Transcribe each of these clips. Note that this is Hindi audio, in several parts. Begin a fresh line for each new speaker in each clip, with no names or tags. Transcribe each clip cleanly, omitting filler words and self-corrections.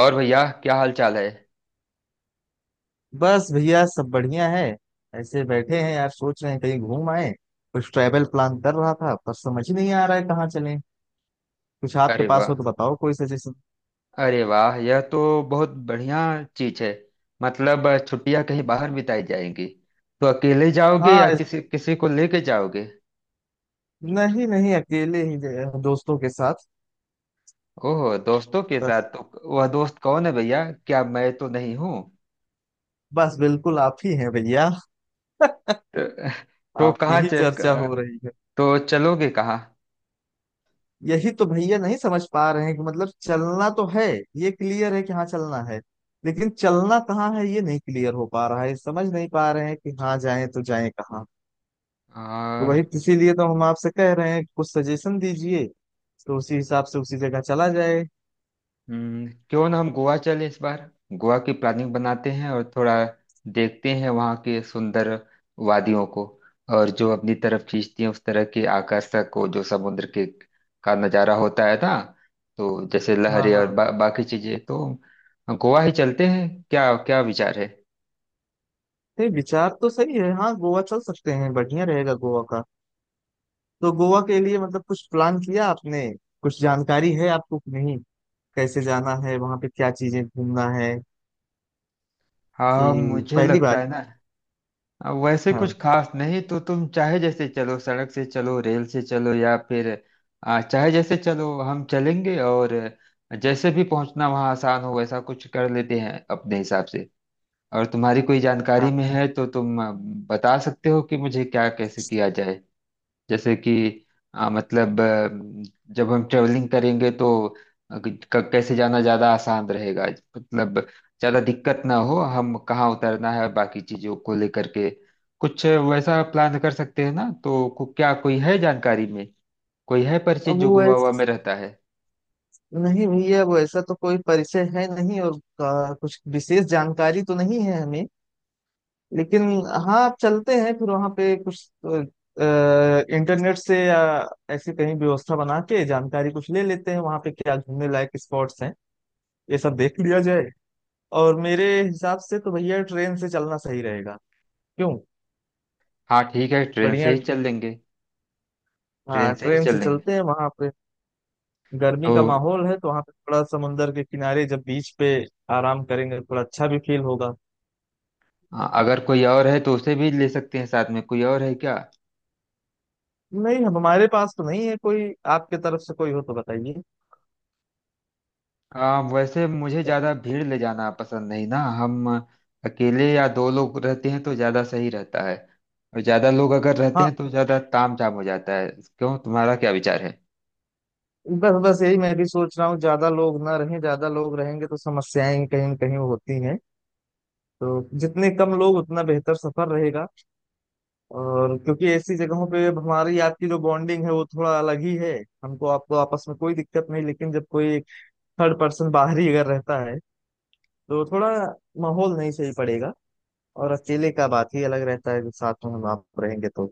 और भैया, क्या हाल चाल है?
बस भैया सब बढ़िया है। ऐसे बैठे हैं यार, सोच रहे हैं कहीं घूम आए। कुछ ट्रैवल प्लान कर रहा था पर समझ ही नहीं आ रहा है कहाँ चलें। कुछ आपके
अरे
पास
वाह।
हो तो बताओ कोई सजेशन।
अरे वाह, यह तो बहुत बढ़िया चीज है। मतलब छुट्टियां कहीं बाहर बिताई जाएंगी। तो अकेले जाओगे
हाँ
या किसी किसी को लेके जाओगे?
नहीं नहीं, अकेले ही दोस्तों के साथ।
ओह, दोस्तों के साथ।
बस।
तो वह दोस्त कौन है भैया, क्या मैं तो नहीं हूँ?
बस बिल्कुल आप ही हैं भैया।
तो, तो
आपकी
कहाँ
ही चर्चा हो रही है।
तो चलोगे?
यही तो भैया नहीं समझ पा रहे हैं कि मतलब चलना तो है। ये क्लियर है कि हाँ चलना है। लेकिन चलना कहाँ है ये नहीं क्लियर हो पा रहा है, समझ नहीं पा रहे हैं कि हाँ जाएं तो जाएं कहाँ। तो
कहाँ?
वही, इसीलिए तो हम आपसे कह रहे हैं कि कुछ सजेशन दीजिए। तो उसी हिसाब से उसी जगह चला जाए।
क्यों ना हम गोवा चलें इस बार। गोवा की प्लानिंग बनाते हैं और थोड़ा देखते हैं वहाँ के सुंदर वादियों को, और जो अपनी तरफ खींचती हैं उस तरह के आकर्षक को, जो समुद्र के का नज़ारा होता है ना। तो जैसे
हाँ
लहरें और
हाँ।
बाकी चीजें, तो गोवा ही चलते हैं। क्या क्या विचार है?
नहीं, विचार तो सही है, हाँ गोवा चल सकते हैं, बढ़िया रहेगा गोवा का। तो गोवा के लिए मतलब कुछ प्लान किया आपने? कुछ जानकारी है आपको कि नहीं? कैसे जाना है, वहां पे क्या चीजें घूमना है?
हाँ
कि
मुझे
पहली बार।
लगता है ना। अब वैसे कुछ
हाँ
खास नहीं, तो तुम चाहे जैसे चलो, सड़क से चलो, रेल से चलो, या फिर चाहे जैसे चलो, हम चलेंगे। और जैसे भी पहुंचना वहां आसान हो, वैसा कुछ कर लेते हैं अपने हिसाब से। और तुम्हारी कोई
हाँ।
जानकारी में है तो तुम बता सकते हो कि मुझे क्या कैसे किया जाए। जैसे कि मतलब जब हम ट्रेवलिंग करेंगे तो कैसे जाना ज़्यादा आसान रहेगा। मतलब ज़्यादा दिक्कत ना हो, हम कहाँ उतरना है और बाकी चीज़ों को लेकर के कुछ वैसा प्लान कर सकते हैं ना। तो क्या कोई है जानकारी में, कोई है परिचित
अब
जो
वो
गोवा हुआ में
ऐस-
रहता है?
नहीं भैया वो ऐसा तो कोई परिचय है नहीं, और कुछ विशेष जानकारी तो नहीं है हमें। लेकिन हाँ आप चलते हैं फिर वहां पे कुछ इंटरनेट से या ऐसी कहीं व्यवस्था बना के जानकारी कुछ ले लेते हैं वहां पे क्या घूमने लायक स्पॉट्स हैं। ये सब देख लिया जाए। और मेरे हिसाब से तो भैया ट्रेन से चलना सही रहेगा। क्यों।
हाँ ठीक है, ट्रेन
बढ़िया।
से ही चल लेंगे। ट्रेन
हाँ
से ही
ट्रेन
चल
से
लेंगे
चलते हैं वहां पे। गर्मी
तो।
का माहौल है तो वहां पे थोड़ा समुंदर के किनारे जब बीच पे आराम करेंगे तो थोड़ा अच्छा भी फील होगा।
हाँ, अगर कोई और है तो उसे भी ले सकते हैं साथ में, कोई और है क्या?
नहीं हमारे पास तो नहीं है कोई, आपके तरफ से कोई हो तो बताइए।
हाँ वैसे मुझे ज्यादा भीड़ ले जाना पसंद नहीं ना, हम अकेले या दो लोग रहते हैं तो ज्यादा सही रहता है। और ज्यादा लोग अगर रहते
हाँ।
हैं तो ज्यादा तामझाम हो जाता है। क्यों, तुम्हारा क्या विचार है?
बस बस यही मैं भी सोच रहा हूँ, ज्यादा लोग ना रहें, ज्यादा लोग रहेंगे तो समस्याएं कहीं न कहीं होती हैं। तो जितने कम लोग उतना बेहतर सफर रहेगा। और क्योंकि ऐसी जगहों पे अब हमारी आपकी जो बॉन्डिंग है वो थोड़ा अलग ही है। हमको आपको आपस में कोई दिक्कत नहीं, लेकिन जब कोई थर्ड पर्सन बाहरी अगर रहता है तो थोड़ा माहौल नहीं सही पड़ेगा। और अकेले का बात ही अलग रहता है, जब साथ में हम आप रहेंगे तो।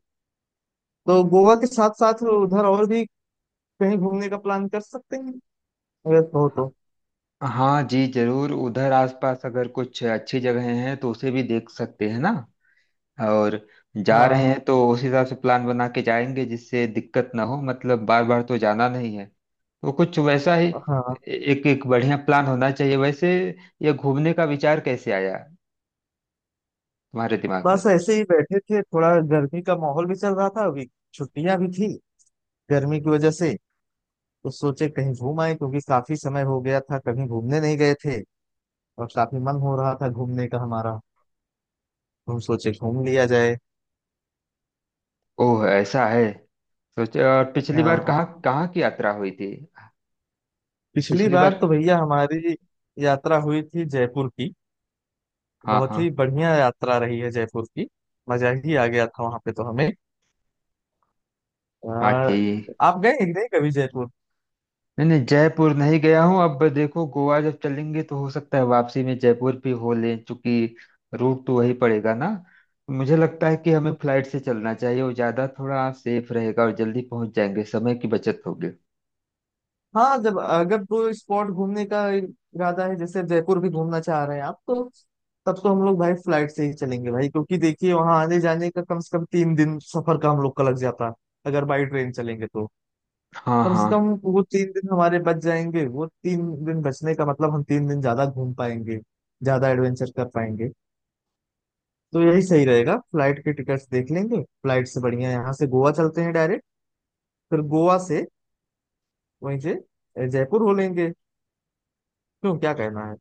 तो गोवा के साथ साथ उधर और भी कहीं घूमने का प्लान कर सकते हैं, अगर कहो तो।
हाँ जी जरूर, उधर आसपास अगर कुछ अच्छी जगहें हैं तो उसे भी देख सकते हैं ना। और जा
हाँ
रहे हैं तो उस हिसाब से प्लान बना के जाएंगे जिससे दिक्कत ना हो, मतलब बार बार तो जाना नहीं है। तो कुछ वैसा ही
हाँ।
एक एक बढ़िया प्लान होना चाहिए वैसे। ये घूमने का विचार कैसे आया तुम्हारे दिमाग में?
बस ऐसे ही बैठे थे, थोड़ा गर्मी का माहौल भी चल रहा था अभी, छुट्टियां भी थी गर्मी की वजह से। तो सोचे कहीं घूम आए, क्योंकि काफी समय हो गया था कभी घूमने नहीं गए थे। और काफी मन हो रहा था घूमने का हमारा। तो हम सोचे घूम लिया जाए।
ओह ऐसा है। सोचो, और पिछली बार
हाँ।
कहाँ कहाँ की यात्रा हुई थी?
पिछली
पिछली
बार
बार।
तो भैया हमारी यात्रा हुई थी जयपुर की।
हाँ
बहुत
हाँ।
ही बढ़िया यात्रा रही है जयपुर की। मजा ही आ गया था वहां पे तो हमें। आ,
हाँ ठीक।
आप गए कि नहीं कभी जयपुर?
नहीं नहीं, जयपुर नहीं गया हूँ, अब देखो गोवा जब चलेंगे तो हो सकता है वापसी में जयपुर भी हो लें, क्योंकि रूट तो वही पड़ेगा ना। मुझे लगता है कि हमें फ्लाइट से चलना चाहिए, वो ज्यादा थोड़ा सेफ रहेगा और जल्दी पहुंच जाएंगे, समय की बचत होगी।
हाँ, जब अगर कोई स्पॉट घूमने का इरादा है, जैसे जयपुर भी घूमना चाह रहे हैं आप तो तब तो हम लोग भाई फ्लाइट से ही चलेंगे भाई, क्योंकि देखिए वहां आने जाने का कम से कम 3 दिन सफर का हम लोग का लग जाता है। अगर बाई ट्रेन चलेंगे तो
हाँ
कम
हाँ
से कम वो 3 दिन हमारे बच जाएंगे, वो 3 दिन बचने का मतलब हम 3 दिन ज्यादा घूम पाएंगे, ज्यादा एडवेंचर कर पाएंगे। तो यही सही रहेगा, फ्लाइट के टिकट्स देख लेंगे, फ्लाइट से बढ़िया यहाँ से गोवा चलते हैं डायरेक्ट। फिर गोवा से वहीं से जयपुर हो लेंगे। क्यों, क्या कहना है?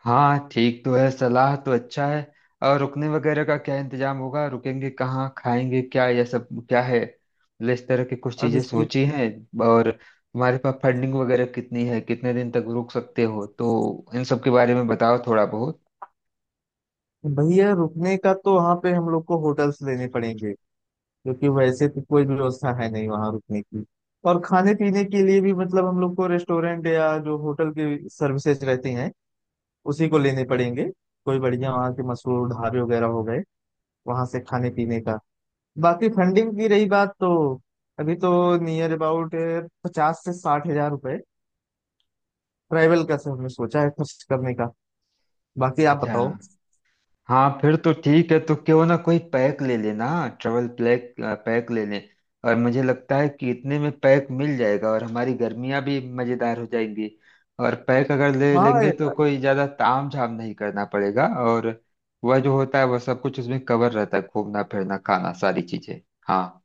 हाँ, ठीक तो है, सलाह तो अच्छा है। और रुकने वगैरह का क्या इंतजाम होगा, रुकेंगे कहाँ, खाएंगे क्या, यह सब क्या है, मतलब इस तरह की कुछ
अब
चीजें
इसकी।
सोची हैं? और तुम्हारे पास फंडिंग वगैरह कितनी है, कितने दिन तक रुक सकते हो, तो इन सब के बारे में बताओ थोड़ा बहुत।
भैया रुकने का तो वहाँ पे हम लोग को होटल्स लेने पड़ेंगे, क्योंकि वैसे तो कोई व्यवस्था है नहीं वहाँ रुकने की। और खाने पीने के लिए भी मतलब हम लोग को रेस्टोरेंट या जो होटल की सर्विसेज रहती हैं उसी को लेने पड़ेंगे। कोई बढ़िया वहाँ के मशहूर ढाबे वगैरह हो गए वहाँ से खाने पीने का। बाकी फंडिंग की रही बात तो अभी तो नियर अबाउट 50 से 60 हजार रुपए ट्रैवल का से हमने सोचा है खर्च करने का। बाकी आप
अच्छा।
बताओ।
हाँ फिर तो ठीक है, तो क्यों ना कोई पैक ले लेना, ट्रेवल पैक, पैक ले लें। और मुझे लगता है कि इतने में पैक मिल जाएगा और हमारी गर्मियाँ भी मज़ेदार हो जाएंगी। और पैक अगर ले
हाँ।
लेंगे तो कोई ज़्यादा ताम झाम नहीं करना पड़ेगा, और वह जो होता है वह सब कुछ उसमें कवर रहता है, घूमना फिरना खाना सारी चीज़ें। हाँ।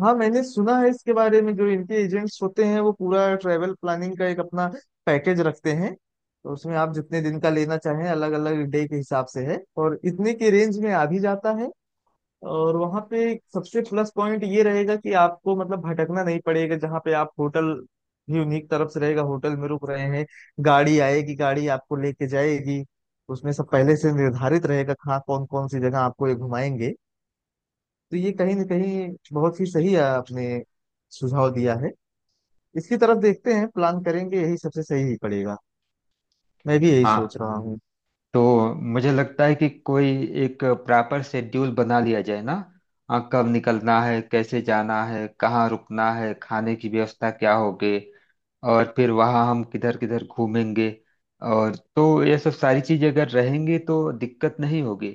हाँ मैंने सुना है इसके बारे में, जो इनके एजेंट्स होते हैं वो पूरा ट्रैवल प्लानिंग का एक अपना पैकेज रखते हैं, तो उसमें आप जितने दिन का लेना चाहें अलग अलग डे के हिसाब से है। और इतने के रेंज में आ भी जाता है। और वहाँ पे एक सबसे प्लस पॉइंट ये रहेगा कि आपको मतलब भटकना नहीं पड़ेगा, जहाँ पे आप होटल भी उन्हीं की तरफ से रहेगा, होटल में रुक रहे हैं। गाड़ी आएगी, गाड़ी आपको लेके जाएगी। उसमें सब पहले से निर्धारित रहेगा कहाँ कौन कौन सी जगह आपको ये घुमाएंगे। तो ये कहीं ना कहीं बहुत ही सही आपने सुझाव दिया है। इसकी तरफ देखते हैं, प्लान करेंगे, यही सबसे सही ही पड़ेगा। मैं भी यही
हाँ
सोच रहा हूँ।
तो मुझे लगता है कि कोई एक प्रॉपर शेड्यूल बना लिया जाए ना। हाँ, कब निकलना है, कैसे जाना है, कहाँ रुकना है, खाने की व्यवस्था क्या होगी, और फिर वहाँ हम किधर किधर घूमेंगे। और तो ये सब सारी चीजें अगर रहेंगी तो दिक्कत नहीं होगी।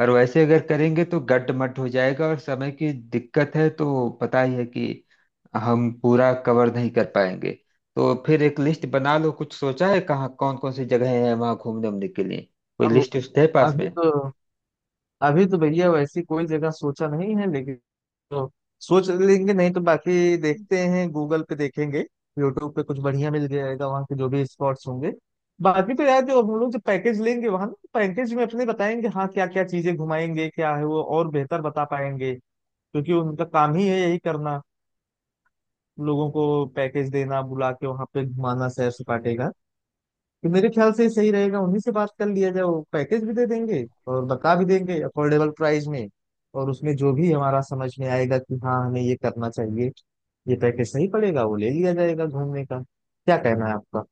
और वैसे अगर करेंगे तो गड्ड मड हो जाएगा और समय की दिक्कत है तो पता ही है कि हम पूरा कवर नहीं कर पाएंगे। तो फिर एक लिस्ट बना लो, कुछ सोचा है कहाँ कौन कौन सी जगह है वहाँ घूमने उमने के लिए, कोई
अब।
लिस्ट उस्ट है पास
अभी
में?
तो अभी तो भैया वैसी कोई जगह सोचा नहीं है, लेकिन तो सोच लेंगे, नहीं तो बाकी देखते हैं, गूगल पे देखेंगे। यूट्यूब पे कुछ बढ़िया मिल जाएगा वहाँ के जो भी स्पॉट्स होंगे। बाकी तो यार, जो हम लोग जो पैकेज लेंगे वहाँ ना, पैकेज में अपने बताएंगे हाँ क्या क्या चीजें घुमाएंगे क्या है, वो और बेहतर बता पाएंगे। क्योंकि उनका काम ही है यही करना, लोगों को पैकेज देना, बुला के वहां पे घुमाना सैर सपाटे का। तो मेरे ख्याल से सही रहेगा उन्हीं से बात कर लिया जाए, वो पैकेज भी दे देंगे और बता भी देंगे अफोर्डेबल प्राइस में। और उसमें जो भी हमारा समझ में आएगा कि हाँ हमें ये करना चाहिए, ये पैकेज सही पड़ेगा, वो ले लिया जाएगा घूमने का। क्या कहना है आपका?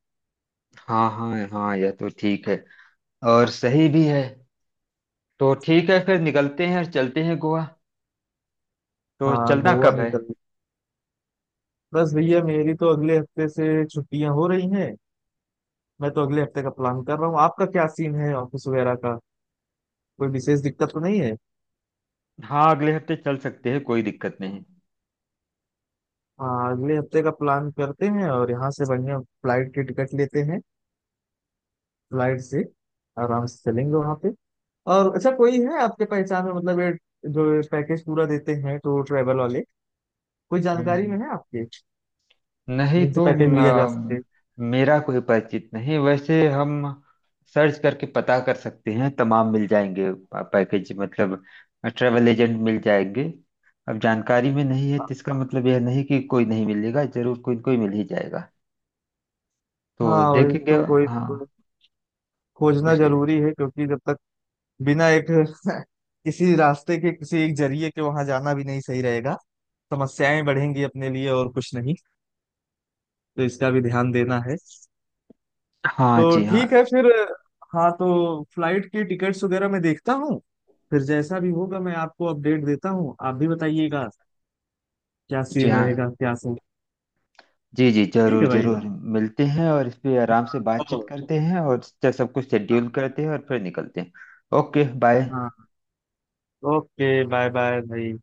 हाँ हाँ हाँ, यह तो ठीक है और सही भी है। तो ठीक है फिर, निकलते हैं और चलते हैं गोवा। तो
हाँ
चलना
गोवा
कब है?
निकल। बस भैया मेरी तो अगले हफ्ते से छुट्टियां हो रही हैं। मैं तो अगले हफ्ते का प्लान कर रहा हूँ, आपका क्या सीन है ऑफिस वगैरह का? कोई विशेष दिक्कत तो नहीं है?
हाँ अगले हफ्ते चल सकते हैं, कोई दिक्कत नहीं।
हाँ अगले हफ्ते का प्लान करते हैं और यहाँ से बढ़िया फ्लाइट की टिकट लेते हैं। फ्लाइट से आराम से चलेंगे वहाँ पे। और अच्छा, कोई है आपके पहचान में मतलब ये जो पैकेज पूरा देते हैं टूर ट्रैवल वाले? कोई जानकारी
हम्म
में है आपके,
नहीं
जिनसे
तो।
पैकेज लिया जा
अम,
सके?
मेरा कोई परिचित नहीं, वैसे हम सर्च करके पता कर सकते हैं, तमाम मिल जाएंगे पैकेज, मतलब ट्रैवल एजेंट मिल जाएंगे। अब जानकारी में नहीं है तो इसका मतलब यह नहीं कि कोई नहीं मिलेगा, जरूर कोई न कोई मिल ही जाएगा, तो
हाँ वही
देखेंगे।
तो, कोई
हाँ
कोई खोजना
उस
जरूरी है, क्योंकि जब तक बिना एक किसी रास्ते के, किसी एक जरिए के वहां जाना भी नहीं सही रहेगा। समस्याएं बढ़ेंगी अपने लिए और कुछ नहीं। तो इसका भी ध्यान देना है।
हाँ,
तो
जी
ठीक है
हाँ।
फिर। हाँ तो फ्लाइट की टिकट्स वगैरह मैं देखता हूँ, फिर जैसा भी होगा मैं आपको अपडेट देता हूँ, आप भी बताइएगा क्या
जी
सीन
हाँ,
रहेगा, क्या सीन।
जी जी
ठीक
जरूर
है भाई।
जरूर। मिलते हैं और इस पे आराम से
हाँ
बातचीत
ओ-
करते हैं और सब कुछ शेड्यूल करते हैं और फिर निकलते हैं। Okay bye.
हाँ ओके, बाय बाय भाई।